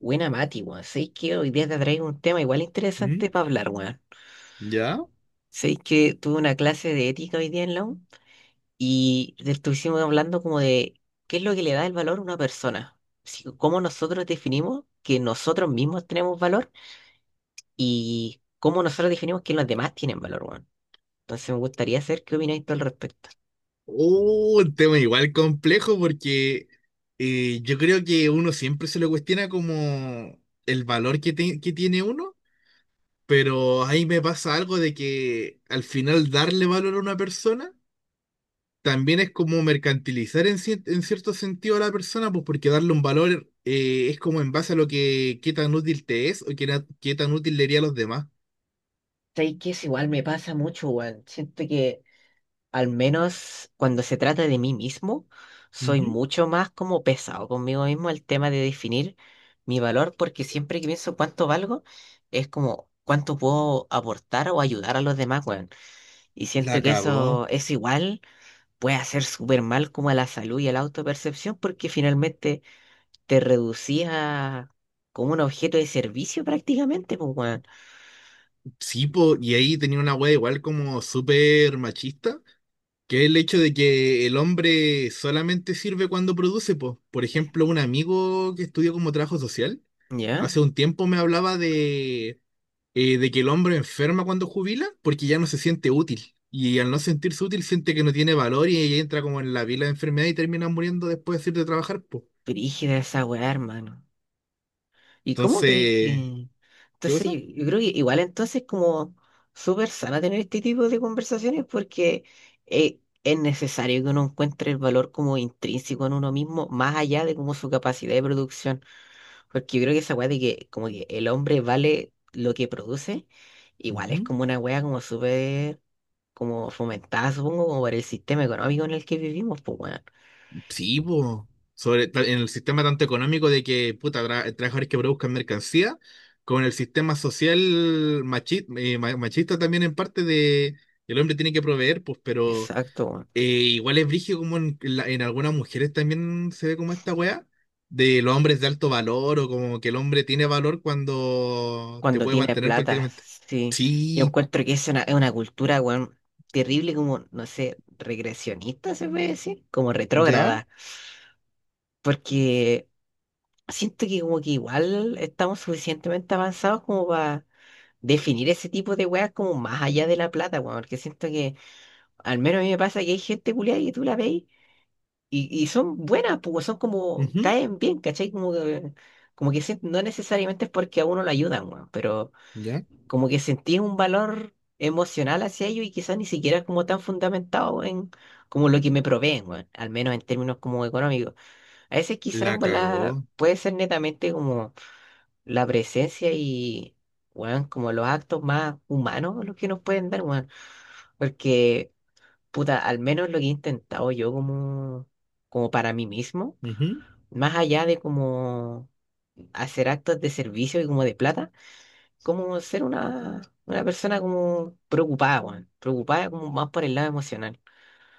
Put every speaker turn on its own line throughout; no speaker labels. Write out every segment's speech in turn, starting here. Buena Mati, weón. Sabéis que hoy día te traigo un tema igual
¿Mm?
interesante para hablar, weón.
¿Ya?
Sabéis que tuve una clase de ética hoy día en la U y estuvimos hablando como de qué es lo que le da el valor a una persona. Cómo nosotros definimos que nosotros mismos tenemos valor y cómo nosotros definimos que los demás tienen valor, weón. Entonces me gustaría saber qué opináis tú al respecto.
Oh, un tema igual complejo porque yo creo que uno siempre se lo cuestiona como el valor que tiene uno, pero ahí me pasa algo de que al final darle valor a una persona también es como mercantilizar en cierto sentido a la persona, pues porque darle un valor es como en base a lo que qué tan útil te es o qué tan útil le haría a los demás.
Sabéis que eso igual me pasa mucho, weón. Siento que al menos cuando se trata de mí mismo, soy
Ujú.
mucho más como pesado conmigo mismo el tema de definir mi valor, porque siempre que pienso cuánto valgo, es como cuánto puedo aportar o ayudar a los demás, weón. Y
La
siento que
cagó.
eso, es igual puede hacer súper mal como a la salud y a la autopercepción, porque finalmente te reducía como un objeto de servicio prácticamente, pues, weón.
Sí, po, y ahí tenía una wea igual como súper machista, que es el hecho de que el hombre solamente sirve cuando produce, po. Por ejemplo, un amigo que estudió como trabajo social,
¿Ya?
hace un tiempo me hablaba de que el hombre enferma cuando jubila porque ya no se siente útil. Y al no sentirse útil, siente que no tiene valor y entra como en la pila de enfermedad y termina muriendo después de ir de trabajar, po.
Brígida esa weá, hermano. ¿Y cómo crees
Entonces,
que...?
¿qué
Entonces,
cosa?
yo creo que igual entonces como súper sana tener este tipo de conversaciones porque es necesario que uno encuentre el valor como intrínseco en uno mismo, más allá de como su capacidad de producción. Porque yo creo que esa weá de que como que el hombre vale lo que produce, igual es
Ujú.
como una weá como súper como fomentada, supongo, como por el sistema económico en el que vivimos, pues bueno.
Sí, po. En el sistema tanto económico de que, puta, trabajadores que produzcan mercancía, con el sistema social machista también en parte de: el hombre tiene que proveer, pues. Pero
Exacto, weón.
igual es brígido como en, en algunas mujeres también se ve como esta weá, de los hombres de alto valor o como que el hombre tiene valor cuando te
Cuando
puede
tiene
mantener
plata,
prácticamente.
sí. Yo
Sí,
encuentro que es una cultura, weón, terrible, como, no sé, regresionista se puede decir, como
ya,
retrógrada. Porque siento que como que igual estamos suficientemente avanzados como para definir ese tipo de weas como más allá de la plata, weón. Porque siento que, al menos a mí me pasa que hay gente culiada y tú la veis y son buenas, pues son como,
ujú,
caen bien, ¿cachai? Como que, no necesariamente es porque a uno lo ayudan, weón, pero
ya,
como que sentís un valor emocional hacia ellos y quizás ni siquiera es como tan fundamentado en como lo que me proveen, weón, al menos en términos como económicos. A veces quizás en
la
volada
cagó.
puede ser netamente como la presencia y, weón, como los actos más humanos los que nos pueden dar, weón, porque, puta, al menos lo que he intentado yo como, como para mí mismo,
Ujú.
más allá de como hacer actos de servicio y como de plata como ser una persona como preocupada, weón. Preocupada como más por el lado emocional.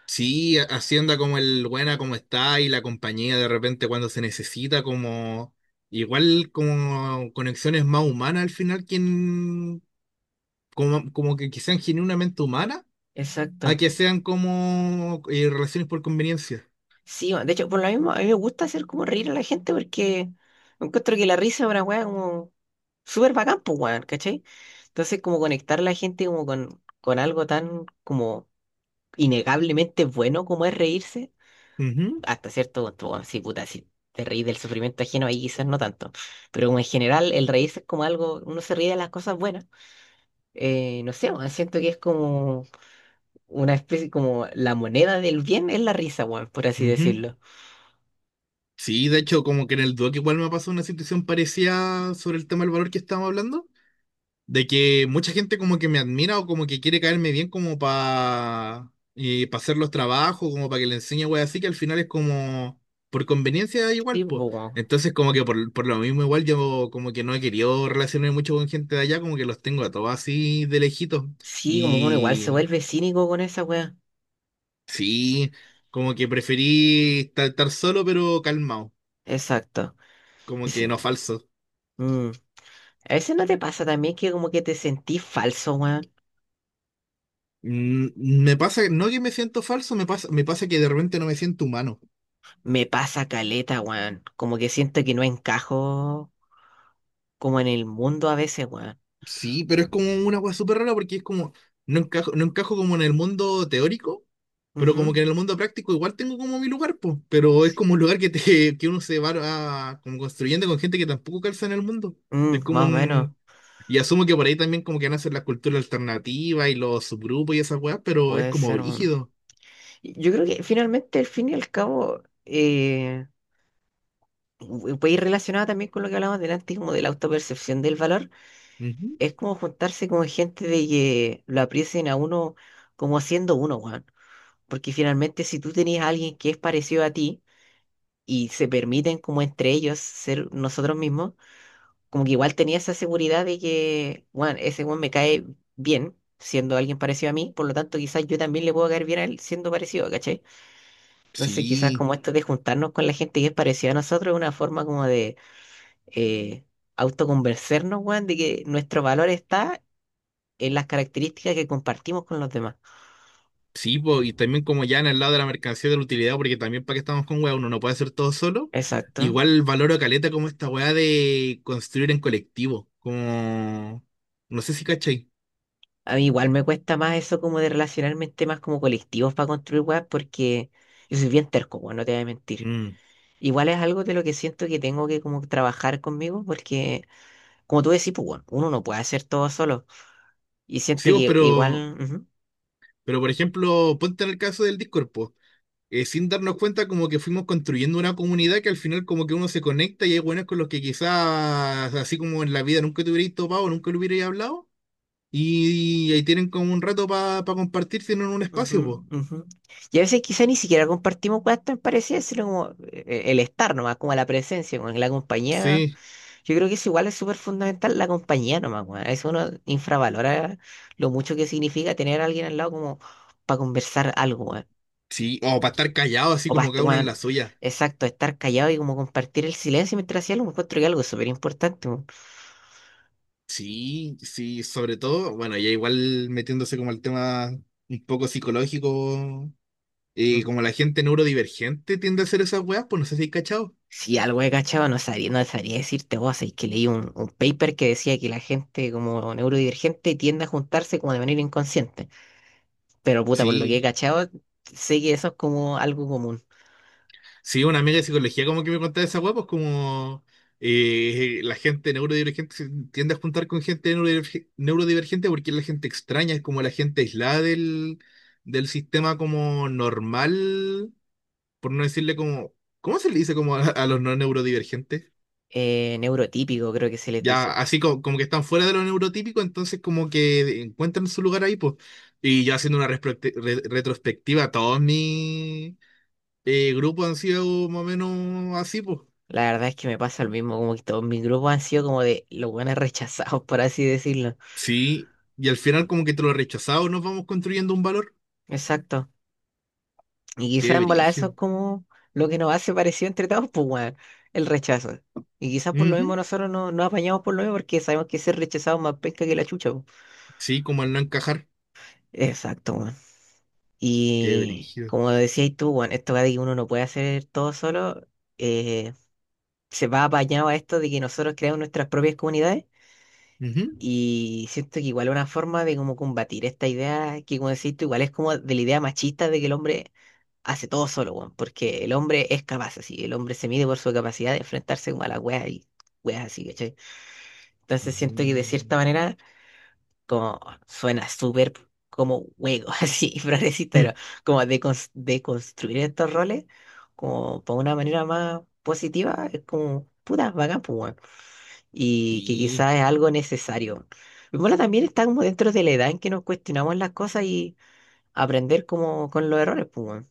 Sí, hacienda como el buena como está, y la compañía de repente cuando se necesita, como igual como conexiones más humanas al final quien como, que sean genuinamente humanas, a
Exacto.
que sean como relaciones por conveniencia.
Sí, weón. De hecho, por lo mismo, a mí me gusta hacer como reír a la gente porque encuentro que la risa es una weá como súper bacán, pues, weón, ¿cachai? Entonces, como conectar a la gente como con algo tan como innegablemente bueno como es reírse,
Ujú,
hasta cierto punto, weón, sí, puta, si te reís del sufrimiento ajeno ahí quizás no tanto, pero como en general el reírse es como algo, uno se ríe de las cosas buenas. No sé, weón, siento que es como una especie, como la moneda del bien es la risa, weón, por así
ujú.
decirlo.
Sí, de hecho como que en el Duoc igual me pasó una situación parecida sobre el tema del valor que estábamos hablando, de que mucha gente como que me admira o como que quiere caerme bien como para hacer los trabajos, como para que le enseñe, güey, así que al final es como por conveniencia igual,
Sí,
pues.
po, weón.
Entonces como que por lo mismo igual yo como que no he querido relacionarme mucho con gente de allá, como que los tengo a todos así de lejitos.
Sí, como uno igual se
Y
vuelve cínico con esa weá.
sí, como que preferí estar solo pero calmado,
Exacto.
como que
Dice,
no falso.
mm, a veces no te pasa también que como que te sentís falso, weón.
Mm, me pasa, no que me siento falso, me pasa que de repente no me siento humano.
Me pasa caleta, weón. Como que siento que no encajo como en el mundo a veces, weón.
Sí, pero es como una cosa súper rara porque es como, no encajo, no encajo como en el mundo teórico, pero como
Ujú.
que en el mundo práctico igual tengo como mi lugar, pues, pero es como un lugar que uno como construyendo con gente que tampoco calza en el mundo.
Mm,
Es como
más o menos.
un... Y asumo que por ahí también como que nacen las culturas alternativas y los subgrupos y esas weas, pero es
Puede
como
ser, weón.
brígido.
Yo creo que finalmente, al fin y al cabo, puede ir relacionado también con lo que hablábamos delante, como de la autopercepción del valor,
Ujú.
es como juntarse con gente de que lo aprecien a uno como siendo uno, weón. Porque finalmente si tú tenías a alguien que es parecido a ti y se permiten como entre ellos ser nosotros mismos, como que igual tenía esa seguridad de que, weón, ese weón me cae bien siendo alguien parecido a mí, por lo tanto quizás yo también le puedo caer bien a él siendo parecido, ¿cachai? Entonces quizás
Sí.
como esto de juntarnos con la gente que es parecida a nosotros es una forma como de eh, autoconvencernos, weón, de que nuestro valor está en las características que compartimos con los demás.
Sí, po, y también como ya en el lado de la mercancía de la utilidad, porque también para qué estamos con weá, uno no puede hacer todo solo.
Exacto.
Igual valoro caleta como esta weá de construir en colectivo, como... No sé si cachai.
A mí igual me cuesta más eso como de relacionarme en temas como colectivos para construir weas porque yo soy bien terco, weón, no te voy a mentir.
Mm.
Igual es algo de lo que siento que tengo que como trabajar conmigo porque, como tú decís, pues, weón, uno no puede hacer todo solo. Y siento
Sí, vos,
que igual... ujú.
pero por ejemplo, ponte en el caso del Discord, po. Sin darnos cuenta como que fuimos construyendo una comunidad que al final como que uno se conecta y hay buenos con los que quizás así como en la vida nunca te hubierais topado, nunca lo hubierais hablado. Y ahí tienen como un rato para compartir, tienen un espacio,
Ujú,
pues.
ujú. Y a veces quizá ni siquiera compartimos cosas tan parecidas, sino como el estar nomás, como la presencia, como la compañía.
Sí.
Yo creo que eso igual es súper fundamental la compañía nomás, weón. A veces uno infravalora lo mucho que significa tener a alguien al lado como para conversar algo, weón.
Sí, o para estar callado, así
O para,
como cada uno en la suya.
exacto, estar callado y como compartir el silencio mientras hacía algo, encuentro que algo es súper importante, weón.
Sí, sí, sobre todo, bueno, ya igual metiéndose como al tema un poco psicológico, y como la gente neurodivergente tiende a hacer esas weas, pues no sé si hay cachado.
Si algo he cachado, no sabría decirte vos, es que leí un paper que decía que la gente como neurodivergente tiende a juntarse como de manera inconsciente. Pero puta, por lo que he
Sí,
cachado, sé que eso es como algo común.
sí, una amiga de psicología como que me contaba esa wea, pues como la gente neurodivergente se tiende a juntar con gente neurodivergente porque es la gente extraña, es como la gente aislada del sistema como normal, por no decirle como, ¿cómo se le dice como a los no neurodivergentes?
Neurotípico, creo que se les
Ya,
dice.
así como, que están fuera de lo neurotípico, entonces como que encuentran su lugar ahí, pues. Y yo haciendo una retrospectiva, todos mis grupos han sido más o menos así, pues.
La verdad es que me pasa lo mismo, como que todos mis grupos han sido como de los buenos rechazados, por así decirlo.
Sí, y al final como que entre los rechazados nos vamos construyendo un valor.
Exacto. Y
Qué
quizás en volada eso
brígido.
es como lo que nos hace parecido entre todos, pues, weón, el rechazo. Y quizás por lo mismo
Ujú.
nosotros no nos apañamos por lo mismo porque sabemos que ser rechazado es más pesca que la chucha, po.
Sí, como al no encajar.
Exacto, weón.
Qué
Y
brígido.
como decías tú, weón, esto de que uno no puede hacer todo solo, eh, se va apañado a esto de que nosotros creamos nuestras propias comunidades.
Ujú.
Y siento que igual es una forma de como combatir esta idea que, como decís tú, igual es como de la idea machista de que el hombre hace todo solo, weón, porque el hombre es capaz así, el hombre se mide por su capacidad de enfrentarse como a la wea y weas así, ¿cachai? Entonces siento que de
Mm.
cierta manera, como suena súper como juego, así, progresista, pero como de, de construir estos roles, como por una manera más positiva, es como puta, bacán, pues, weón. Y que
Sí.
quizás es algo necesario. Y bueno, también está como dentro de la edad en que nos cuestionamos las cosas y aprender como con los errores, pues, weón.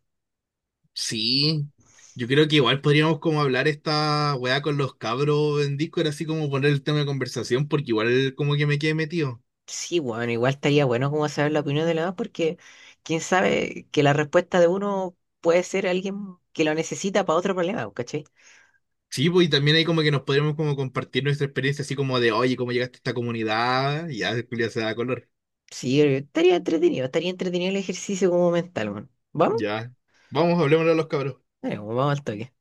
Sí, yo creo que igual podríamos como hablar esta weá con los cabros en Discord, así como poner el tema de conversación, porque igual como que me quedé metido.
Sí, bueno, igual estaría bueno como saber la opinión de los demás porque quién sabe que la respuesta de uno puede ser alguien que lo necesita para otro problema, pues, ¿cachai?
Sí, pues y también hay como que nos podríamos como compartir nuestra experiencia, así como de, oye, ¿cómo llegaste a esta comunidad? Y ya, Julia se da color.
Sí, estaría entretenido el ejercicio como mental, bueno. ¿Vamos?
Ya. Vamos, hablemos a los cabros.
Dale, pues, vamos al toque.